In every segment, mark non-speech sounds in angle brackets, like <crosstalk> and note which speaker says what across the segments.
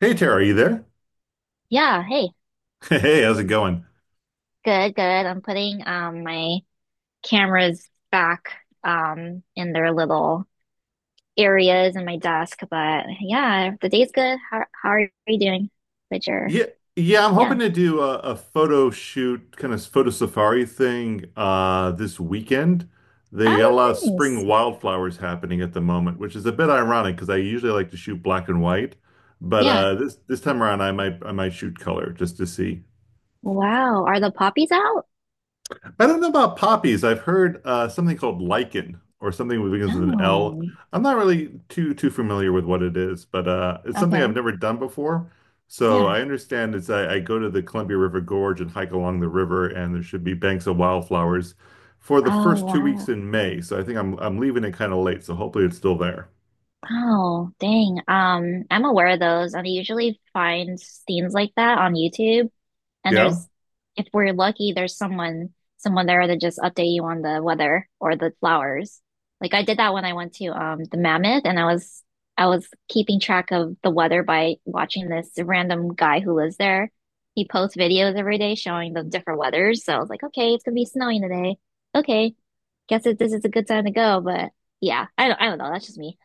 Speaker 1: Hey Tara, are you there?
Speaker 2: Yeah, hey.
Speaker 1: <laughs> Hey, how's it going?
Speaker 2: Good, good. I'm putting my cameras back in their little areas in my desk, but yeah, the day's good. How are you doing with your
Speaker 1: Yeah, yeah, I'm
Speaker 2: yeah.
Speaker 1: hoping to do a photo shoot, kind of photo safari thing this weekend. They got
Speaker 2: Oh,
Speaker 1: a lot of
Speaker 2: nice.
Speaker 1: spring wildflowers happening at the moment, which is a bit ironic because I usually like to shoot black and white, but
Speaker 2: Yeah.
Speaker 1: this time around I might shoot color just to see.
Speaker 2: Wow. Are the poppies out?
Speaker 1: I don't know about poppies. I've heard something called lichen or something that begins with an L.
Speaker 2: Oh.
Speaker 1: I'm not really too familiar with what it is, but it's something I've
Speaker 2: Okay.
Speaker 1: never done before. So
Speaker 2: Yeah.
Speaker 1: I understand I go to the Columbia River Gorge and hike along the river, and there should be banks of wildflowers for the
Speaker 2: Oh,
Speaker 1: first 2 weeks
Speaker 2: wow.
Speaker 1: in May. So I think I'm leaving it kind of late, so hopefully it's still there.
Speaker 2: Oh, dang. I'm aware of those. I usually find scenes like that on YouTube. And
Speaker 1: Yeah.
Speaker 2: if we're lucky, there's someone there to just update you on the weather or the flowers. Like I did that when I went to the Mammoth, and I was keeping track of the weather by watching this random guy who lives there. He posts videos every day showing the different weathers. So I was like, okay, it's gonna be snowing today. Okay, this is a good time to go. But yeah, I don't know. That's just me.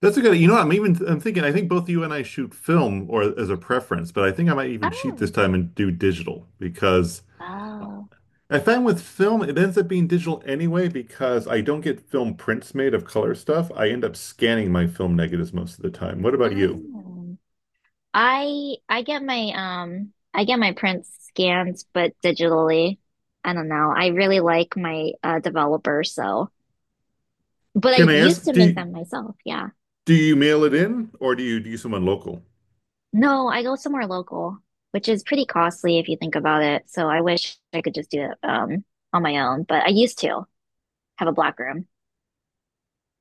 Speaker 1: That's a good I'm even I'm thinking I think both you and I shoot film or as a preference, but I think I might even cheat this
Speaker 2: Oh,
Speaker 1: time and do digital because
Speaker 2: oh,
Speaker 1: I find with film, it ends up being digital anyway because I don't get film prints made of color stuff. I end up scanning my film negatives most of the time. What about you?
Speaker 2: oh. I get my I get my prints scans but digitally. I don't know. I really like my developer so but
Speaker 1: Can
Speaker 2: I
Speaker 1: I
Speaker 2: used
Speaker 1: ask,
Speaker 2: to make
Speaker 1: do
Speaker 2: them myself, yeah.
Speaker 1: do you mail it in or do you someone local?
Speaker 2: No, I go somewhere local, which is pretty costly if you think about it. So I wish I could just do it on my own, but I used to have a black room.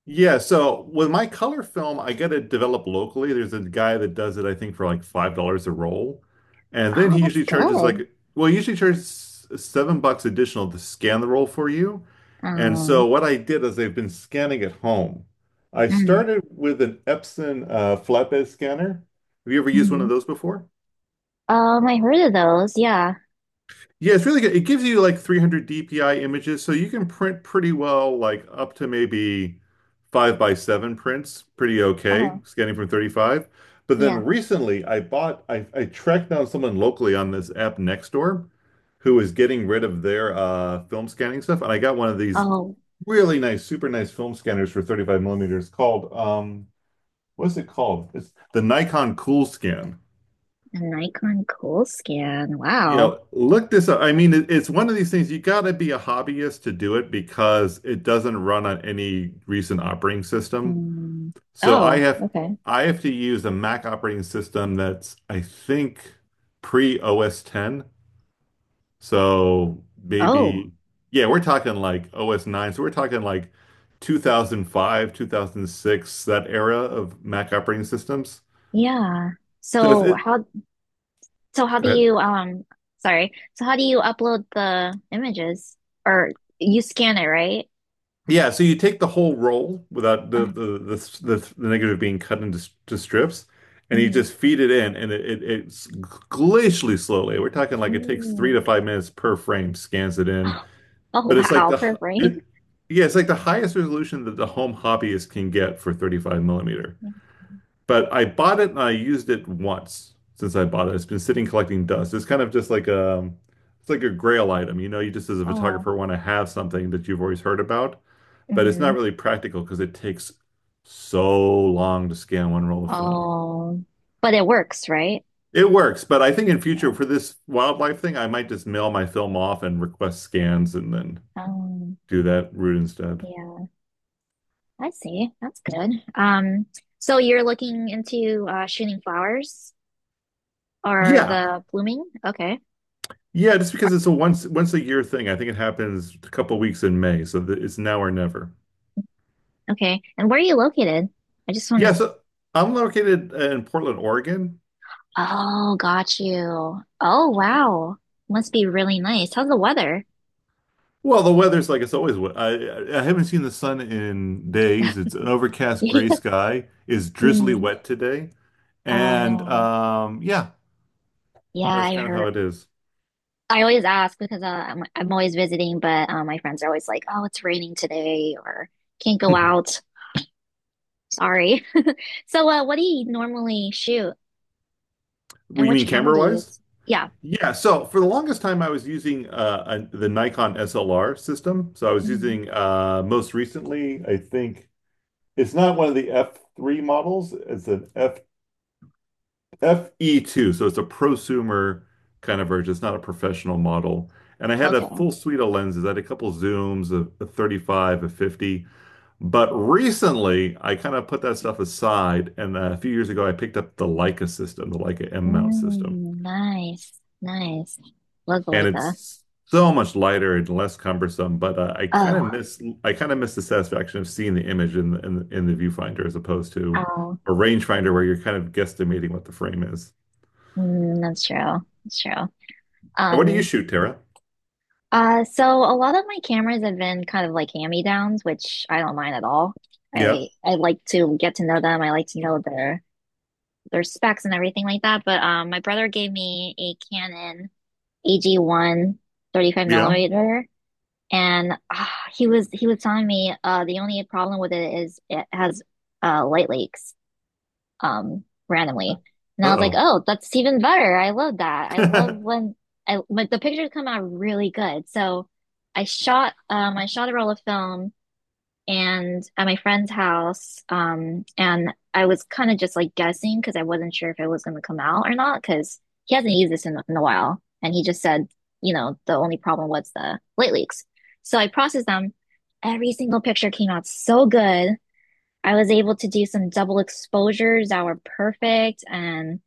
Speaker 1: Yeah, so with my color film, I get it developed locally. There's a guy that does it, I think, for like $5 a roll, and then
Speaker 2: Oh,
Speaker 1: he
Speaker 2: that's
Speaker 1: usually charges
Speaker 2: good.
Speaker 1: like, well, he usually charges $7 additional to scan the roll for you. And so
Speaker 2: Um
Speaker 1: what I did is I've been scanning at home. I
Speaker 2: mm,
Speaker 1: started with an Epson flatbed scanner. Have you ever used one of
Speaker 2: mhm.
Speaker 1: those before?
Speaker 2: Um, I heard of those, yeah.
Speaker 1: Yeah, it's really good. It gives you like 300 DPI images, so you can print pretty well, like up to maybe five by seven prints, pretty okay,
Speaker 2: Oh,
Speaker 1: scanning from 35. But then
Speaker 2: yeah.
Speaker 1: recently, I tracked down someone locally on this app Nextdoor who was getting rid of their film scanning stuff, and I got one of these
Speaker 2: Oh,
Speaker 1: really nice, super nice film scanners for 35 millimeters called, what is it called? It's the Nikon Cool Scan.
Speaker 2: an Nikon Cool Scan.
Speaker 1: Yeah,
Speaker 2: Wow.
Speaker 1: look this up. I mean, it's one of these things you got to be a hobbyist to do it because it doesn't run on any recent operating system.
Speaker 2: Mm.
Speaker 1: So I
Speaker 2: Oh,
Speaker 1: have
Speaker 2: okay.
Speaker 1: I have to use a Mac operating system that's I think pre OS 10. So
Speaker 2: Oh,
Speaker 1: maybe yeah, we're talking like OS 9. So we're talking like 2005, 2006, that era of Mac operating systems.
Speaker 2: yeah.
Speaker 1: So
Speaker 2: So how so how
Speaker 1: go
Speaker 2: do
Speaker 1: ahead.
Speaker 2: you sorry. So how do you upload the images? Or you scan it, right?
Speaker 1: Yeah, so you take the whole roll without the
Speaker 2: Oh,
Speaker 1: the the, the, the negative being cut into s- to strips, and you
Speaker 2: mm,
Speaker 1: just feed it in, and it's glacially slowly. We're talking like it takes three to
Speaker 2: mm.
Speaker 1: five minutes per frame, scans it in,
Speaker 2: <laughs> Oh, oh,
Speaker 1: but it's like
Speaker 2: wow, per frame.
Speaker 1: it, yeah, it's like the highest resolution that the home hobbyist can get for 35 millimeter.
Speaker 2: Yeah.
Speaker 1: But I bought it and I used it once since I bought it. It's been sitting collecting dust. It's kind of just like it's like a grail item, you know. You just as a
Speaker 2: Oh,
Speaker 1: photographer want to have something that you've always heard about but it's not
Speaker 2: mm-hmm.
Speaker 1: really practical because it takes so long to scan one roll of film.
Speaker 2: Oh, but it works, right?
Speaker 1: It works, but I think in future
Speaker 2: Yeah.
Speaker 1: for this wildlife thing, I might just mail my film off and request scans and then
Speaker 2: Um,
Speaker 1: do that route instead.
Speaker 2: yeah, I see. That's good. So you're looking into shooting flowers or
Speaker 1: Yeah.
Speaker 2: the blooming? Okay.
Speaker 1: Yeah, just because it's a once a year thing. I think it happens a couple weeks in May, so it's now or never.
Speaker 2: Okay. And where are you located? I just want
Speaker 1: Yeah,
Speaker 2: to.
Speaker 1: so I'm located in Portland, Oregon.
Speaker 2: Oh, got you. Oh, wow. Must be really nice. How's the weather?
Speaker 1: Well, the weather's like it's always wet. I haven't seen the sun in days. It's an overcast gray
Speaker 2: <laughs>
Speaker 1: sky. Is drizzly
Speaker 2: Mm.
Speaker 1: wet today.
Speaker 2: Oh
Speaker 1: And
Speaker 2: no.
Speaker 1: yeah,
Speaker 2: Yeah,
Speaker 1: that's
Speaker 2: I
Speaker 1: kind of how
Speaker 2: heard.
Speaker 1: it is. <laughs>
Speaker 2: I always ask because I'm always visiting, but my friends are always like, "Oh, it's raining today," or "Can't go out." Sorry. <laughs> So, what do you normally shoot,
Speaker 1: What do
Speaker 2: and
Speaker 1: you
Speaker 2: which
Speaker 1: mean
Speaker 2: camera
Speaker 1: camera
Speaker 2: do you
Speaker 1: wise?
Speaker 2: use? Yeah.
Speaker 1: Yeah, so for the longest time, I was using the Nikon SLR system. So I was
Speaker 2: Mhm.
Speaker 1: using most recently, I think it's not one of the F3 models, it's an FE2, so it's a prosumer kind of version. It's not a professional model. And I had a
Speaker 2: Okay.
Speaker 1: full suite of lenses. I had a couple zooms, a 35, a 50. But recently, I kind of put that stuff aside. And a few years ago, I picked up the Leica system, the Leica M mount system.
Speaker 2: Mm, nice, nice. Looks
Speaker 1: And
Speaker 2: like a.
Speaker 1: it's so much lighter and less cumbersome. But I kind of
Speaker 2: Oh,
Speaker 1: miss I kind of miss the satisfaction of seeing the image in the, viewfinder as opposed to
Speaker 2: wow.
Speaker 1: a rangefinder where you're kind of guesstimating what the frame is.
Speaker 2: Mm, that's true. That's true.
Speaker 1: And what do you
Speaker 2: Um,
Speaker 1: shoot, Tara?
Speaker 2: so a lot of my cameras have been kind of like hand-me-downs, which I don't mind at all.
Speaker 1: Yeah.
Speaker 2: I like to get to know them. I like to know their specs and everything like that. But my brother gave me a Canon ag 135
Speaker 1: Yeah.
Speaker 2: millimeter, and he was telling me the only problem with it is it has light leaks, randomly. And I was like,
Speaker 1: Uh-oh.
Speaker 2: oh, that's even better. I love that. I love
Speaker 1: <laughs>
Speaker 2: when I but the pictures come out really good. So I shot a roll of film and at my friend's house, and I was kind of just like guessing because I wasn't sure if it was going to come out or not because he hasn't used this in a while and he just said, you know, the only problem was the light leaks. So I processed them. Every single picture came out so good. I was able to do some double exposures that were perfect, and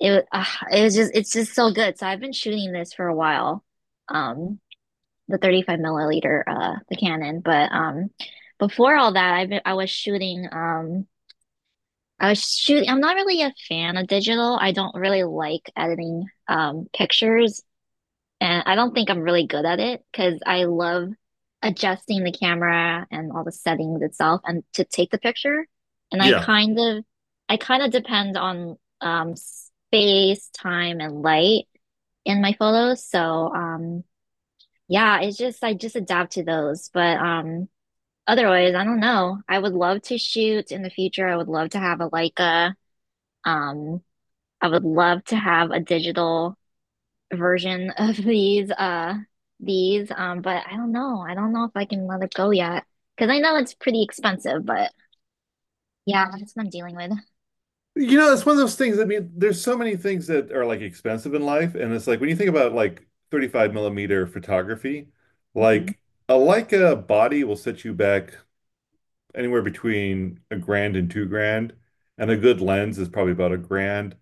Speaker 2: it uh, it was just so good. So I've been shooting this for a while, um, the 35 milliliter the Canon, but before all that, I was shooting. I'm not really a fan of digital. I don't really like editing pictures. And I don't think I'm really good at it because I love adjusting the camera and all the settings itself and to take the picture. And
Speaker 1: Yeah.
Speaker 2: I kind of depend on space, time, and light in my photos. So yeah, it's just I just adapt to those. But otherwise, I don't know. I would love to shoot in the future. I would love to have a Leica. Um, I would love to have a digital version <laughs> of these but I don't know. I don't know if I can let it go yet because I know it's pretty expensive, but yeah, that's what I'm dealing with.
Speaker 1: You know, it's one of those things. I mean, there's so many things that are like expensive in life, and it's like when you think about like 35 millimeter photography,
Speaker 2: Mhm.
Speaker 1: like a Leica body will set you back anywhere between a grand and 2 grand, and a good lens is probably about a grand.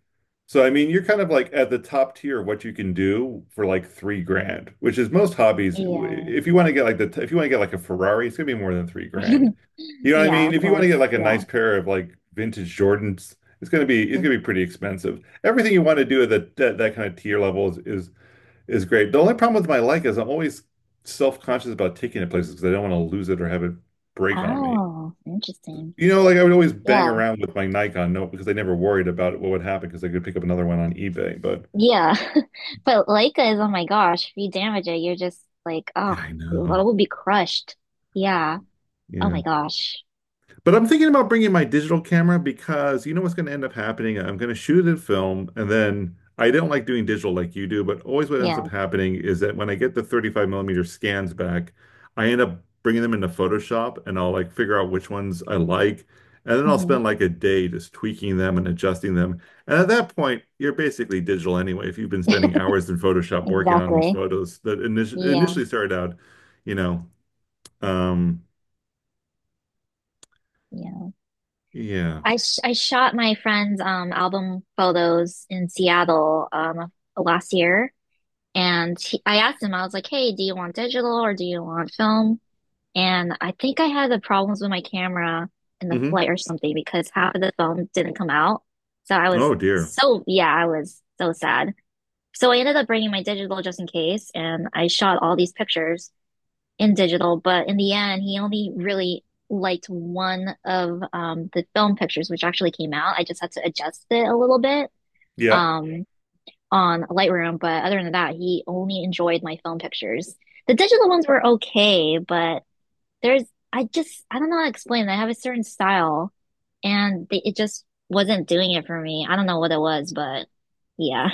Speaker 1: So I mean, you're kind of like at the top tier of what you can do for like 3 grand, which is most hobbies.
Speaker 2: Yeah.
Speaker 1: If you want to get like a Ferrari, it's gonna be more than 3 grand.
Speaker 2: <laughs>
Speaker 1: You know what I
Speaker 2: Yeah,
Speaker 1: mean?
Speaker 2: of
Speaker 1: If you want to
Speaker 2: course.
Speaker 1: get like a
Speaker 2: Yeah.
Speaker 1: nice pair of like vintage Jordans, it's gonna be it's
Speaker 2: Mm.
Speaker 1: gonna be pretty expensive. Everything you want to do at that kind of tier level is great. The only problem with my like is I'm always self-conscious about taking it places because I don't want to lose it or have it break on me.
Speaker 2: Oh, interesting.
Speaker 1: You know, like I would always bang
Speaker 2: Yeah.
Speaker 1: around with my Nikon note because I never worried about what would happen because I could pick up another one on eBay. But
Speaker 2: Yeah. <laughs> But Leica is, oh my gosh, if you damage it, you're just like, oh,
Speaker 1: yeah, I
Speaker 2: it
Speaker 1: know.
Speaker 2: will be crushed. Yeah. Oh
Speaker 1: Yeah.
Speaker 2: my gosh.
Speaker 1: But I'm thinking about bringing my digital camera because you know what's going to end up happening? I'm going to shoot it film, and then I don't like doing digital like you do, but always what ends up
Speaker 2: Yeah.
Speaker 1: happening is that when I get the 35 millimeter scans back, I end up bringing them into Photoshop and I'll like figure out which ones I like. And then I'll
Speaker 2: Hmm.
Speaker 1: spend like a day just tweaking them and adjusting them. And at that point, you're basically digital anyway. If you've been spending hours in Photoshop
Speaker 2: <laughs>
Speaker 1: working on these
Speaker 2: Exactly.
Speaker 1: photos that
Speaker 2: Yeah.
Speaker 1: initially started out, you know, um,
Speaker 2: Yeah.
Speaker 1: yeah.
Speaker 2: I shot my friend's album photos in Seattle last year, and I asked him, I was like, "Hey, do you want digital or do you want film?" And I think I had the problems with my camera in the
Speaker 1: Hmm.
Speaker 2: flight or something because half of the film didn't come out. So I was
Speaker 1: Oh dear.
Speaker 2: so yeah, I was so sad. So I ended up bringing my digital just in case, and I shot all these pictures in digital, but in the end, he only really liked one of the film pictures, which actually came out. I just had to adjust it a little bit
Speaker 1: Yeah.
Speaker 2: um, on Lightroom, but other than that, he only enjoyed my film pictures. The digital ones were okay, but there's I just I don't know how to explain. I have a certain style, and it just wasn't doing it for me. I don't know what it was, but yeah,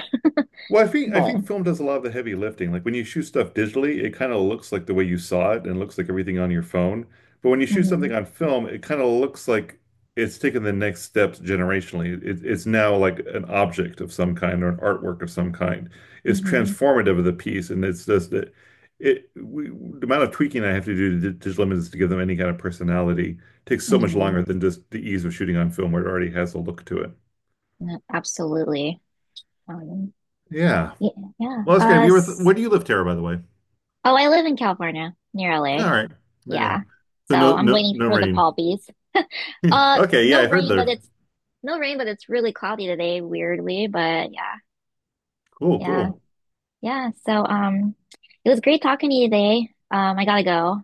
Speaker 1: Well, I think I
Speaker 2: but
Speaker 1: think film does a lot of the heavy lifting. Like when you shoot stuff digitally, it kind of looks like the way you saw it and looks like everything on your phone. But when you shoot something
Speaker 2: hmm
Speaker 1: on film, it kind of looks like it's taken the next steps generationally. It's now like an object of some kind or an artwork of some kind. It's
Speaker 2: hmm
Speaker 1: transformative of the piece, and it's just the amount of tweaking I have to do to digital images to give them any kind of personality takes so much
Speaker 2: hmm
Speaker 1: longer than just the ease of shooting on film, where it already has a look to it.
Speaker 2: absolutely. Um,
Speaker 1: Yeah.
Speaker 2: Yeah, yeah.
Speaker 1: Well, that's great. Have you ever where do you live, Tara, by the way?
Speaker 2: Oh, I live in California, near
Speaker 1: All
Speaker 2: LA.
Speaker 1: right. Yeah.
Speaker 2: Yeah.
Speaker 1: So
Speaker 2: So
Speaker 1: no
Speaker 2: I'm
Speaker 1: no
Speaker 2: waiting
Speaker 1: no
Speaker 2: for the
Speaker 1: rain. <laughs>
Speaker 2: Palbies.
Speaker 1: Yeah.
Speaker 2: Uh,
Speaker 1: Okay, yeah,
Speaker 2: no
Speaker 1: I heard
Speaker 2: rain, but
Speaker 1: there.
Speaker 2: it's no rain, but it's really cloudy today, weirdly. But yeah,
Speaker 1: Cool,
Speaker 2: yeah,
Speaker 1: cool.
Speaker 2: yeah. So it was great talking to you today. I gotta go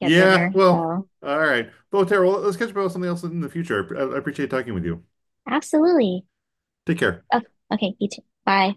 Speaker 2: get dinner.
Speaker 1: well,
Speaker 2: So
Speaker 1: all right. Well, Tara, well, let's catch up about something else in the future. I appreciate talking with you.
Speaker 2: absolutely.
Speaker 1: Take care.
Speaker 2: Oh, okay, you too. Bye.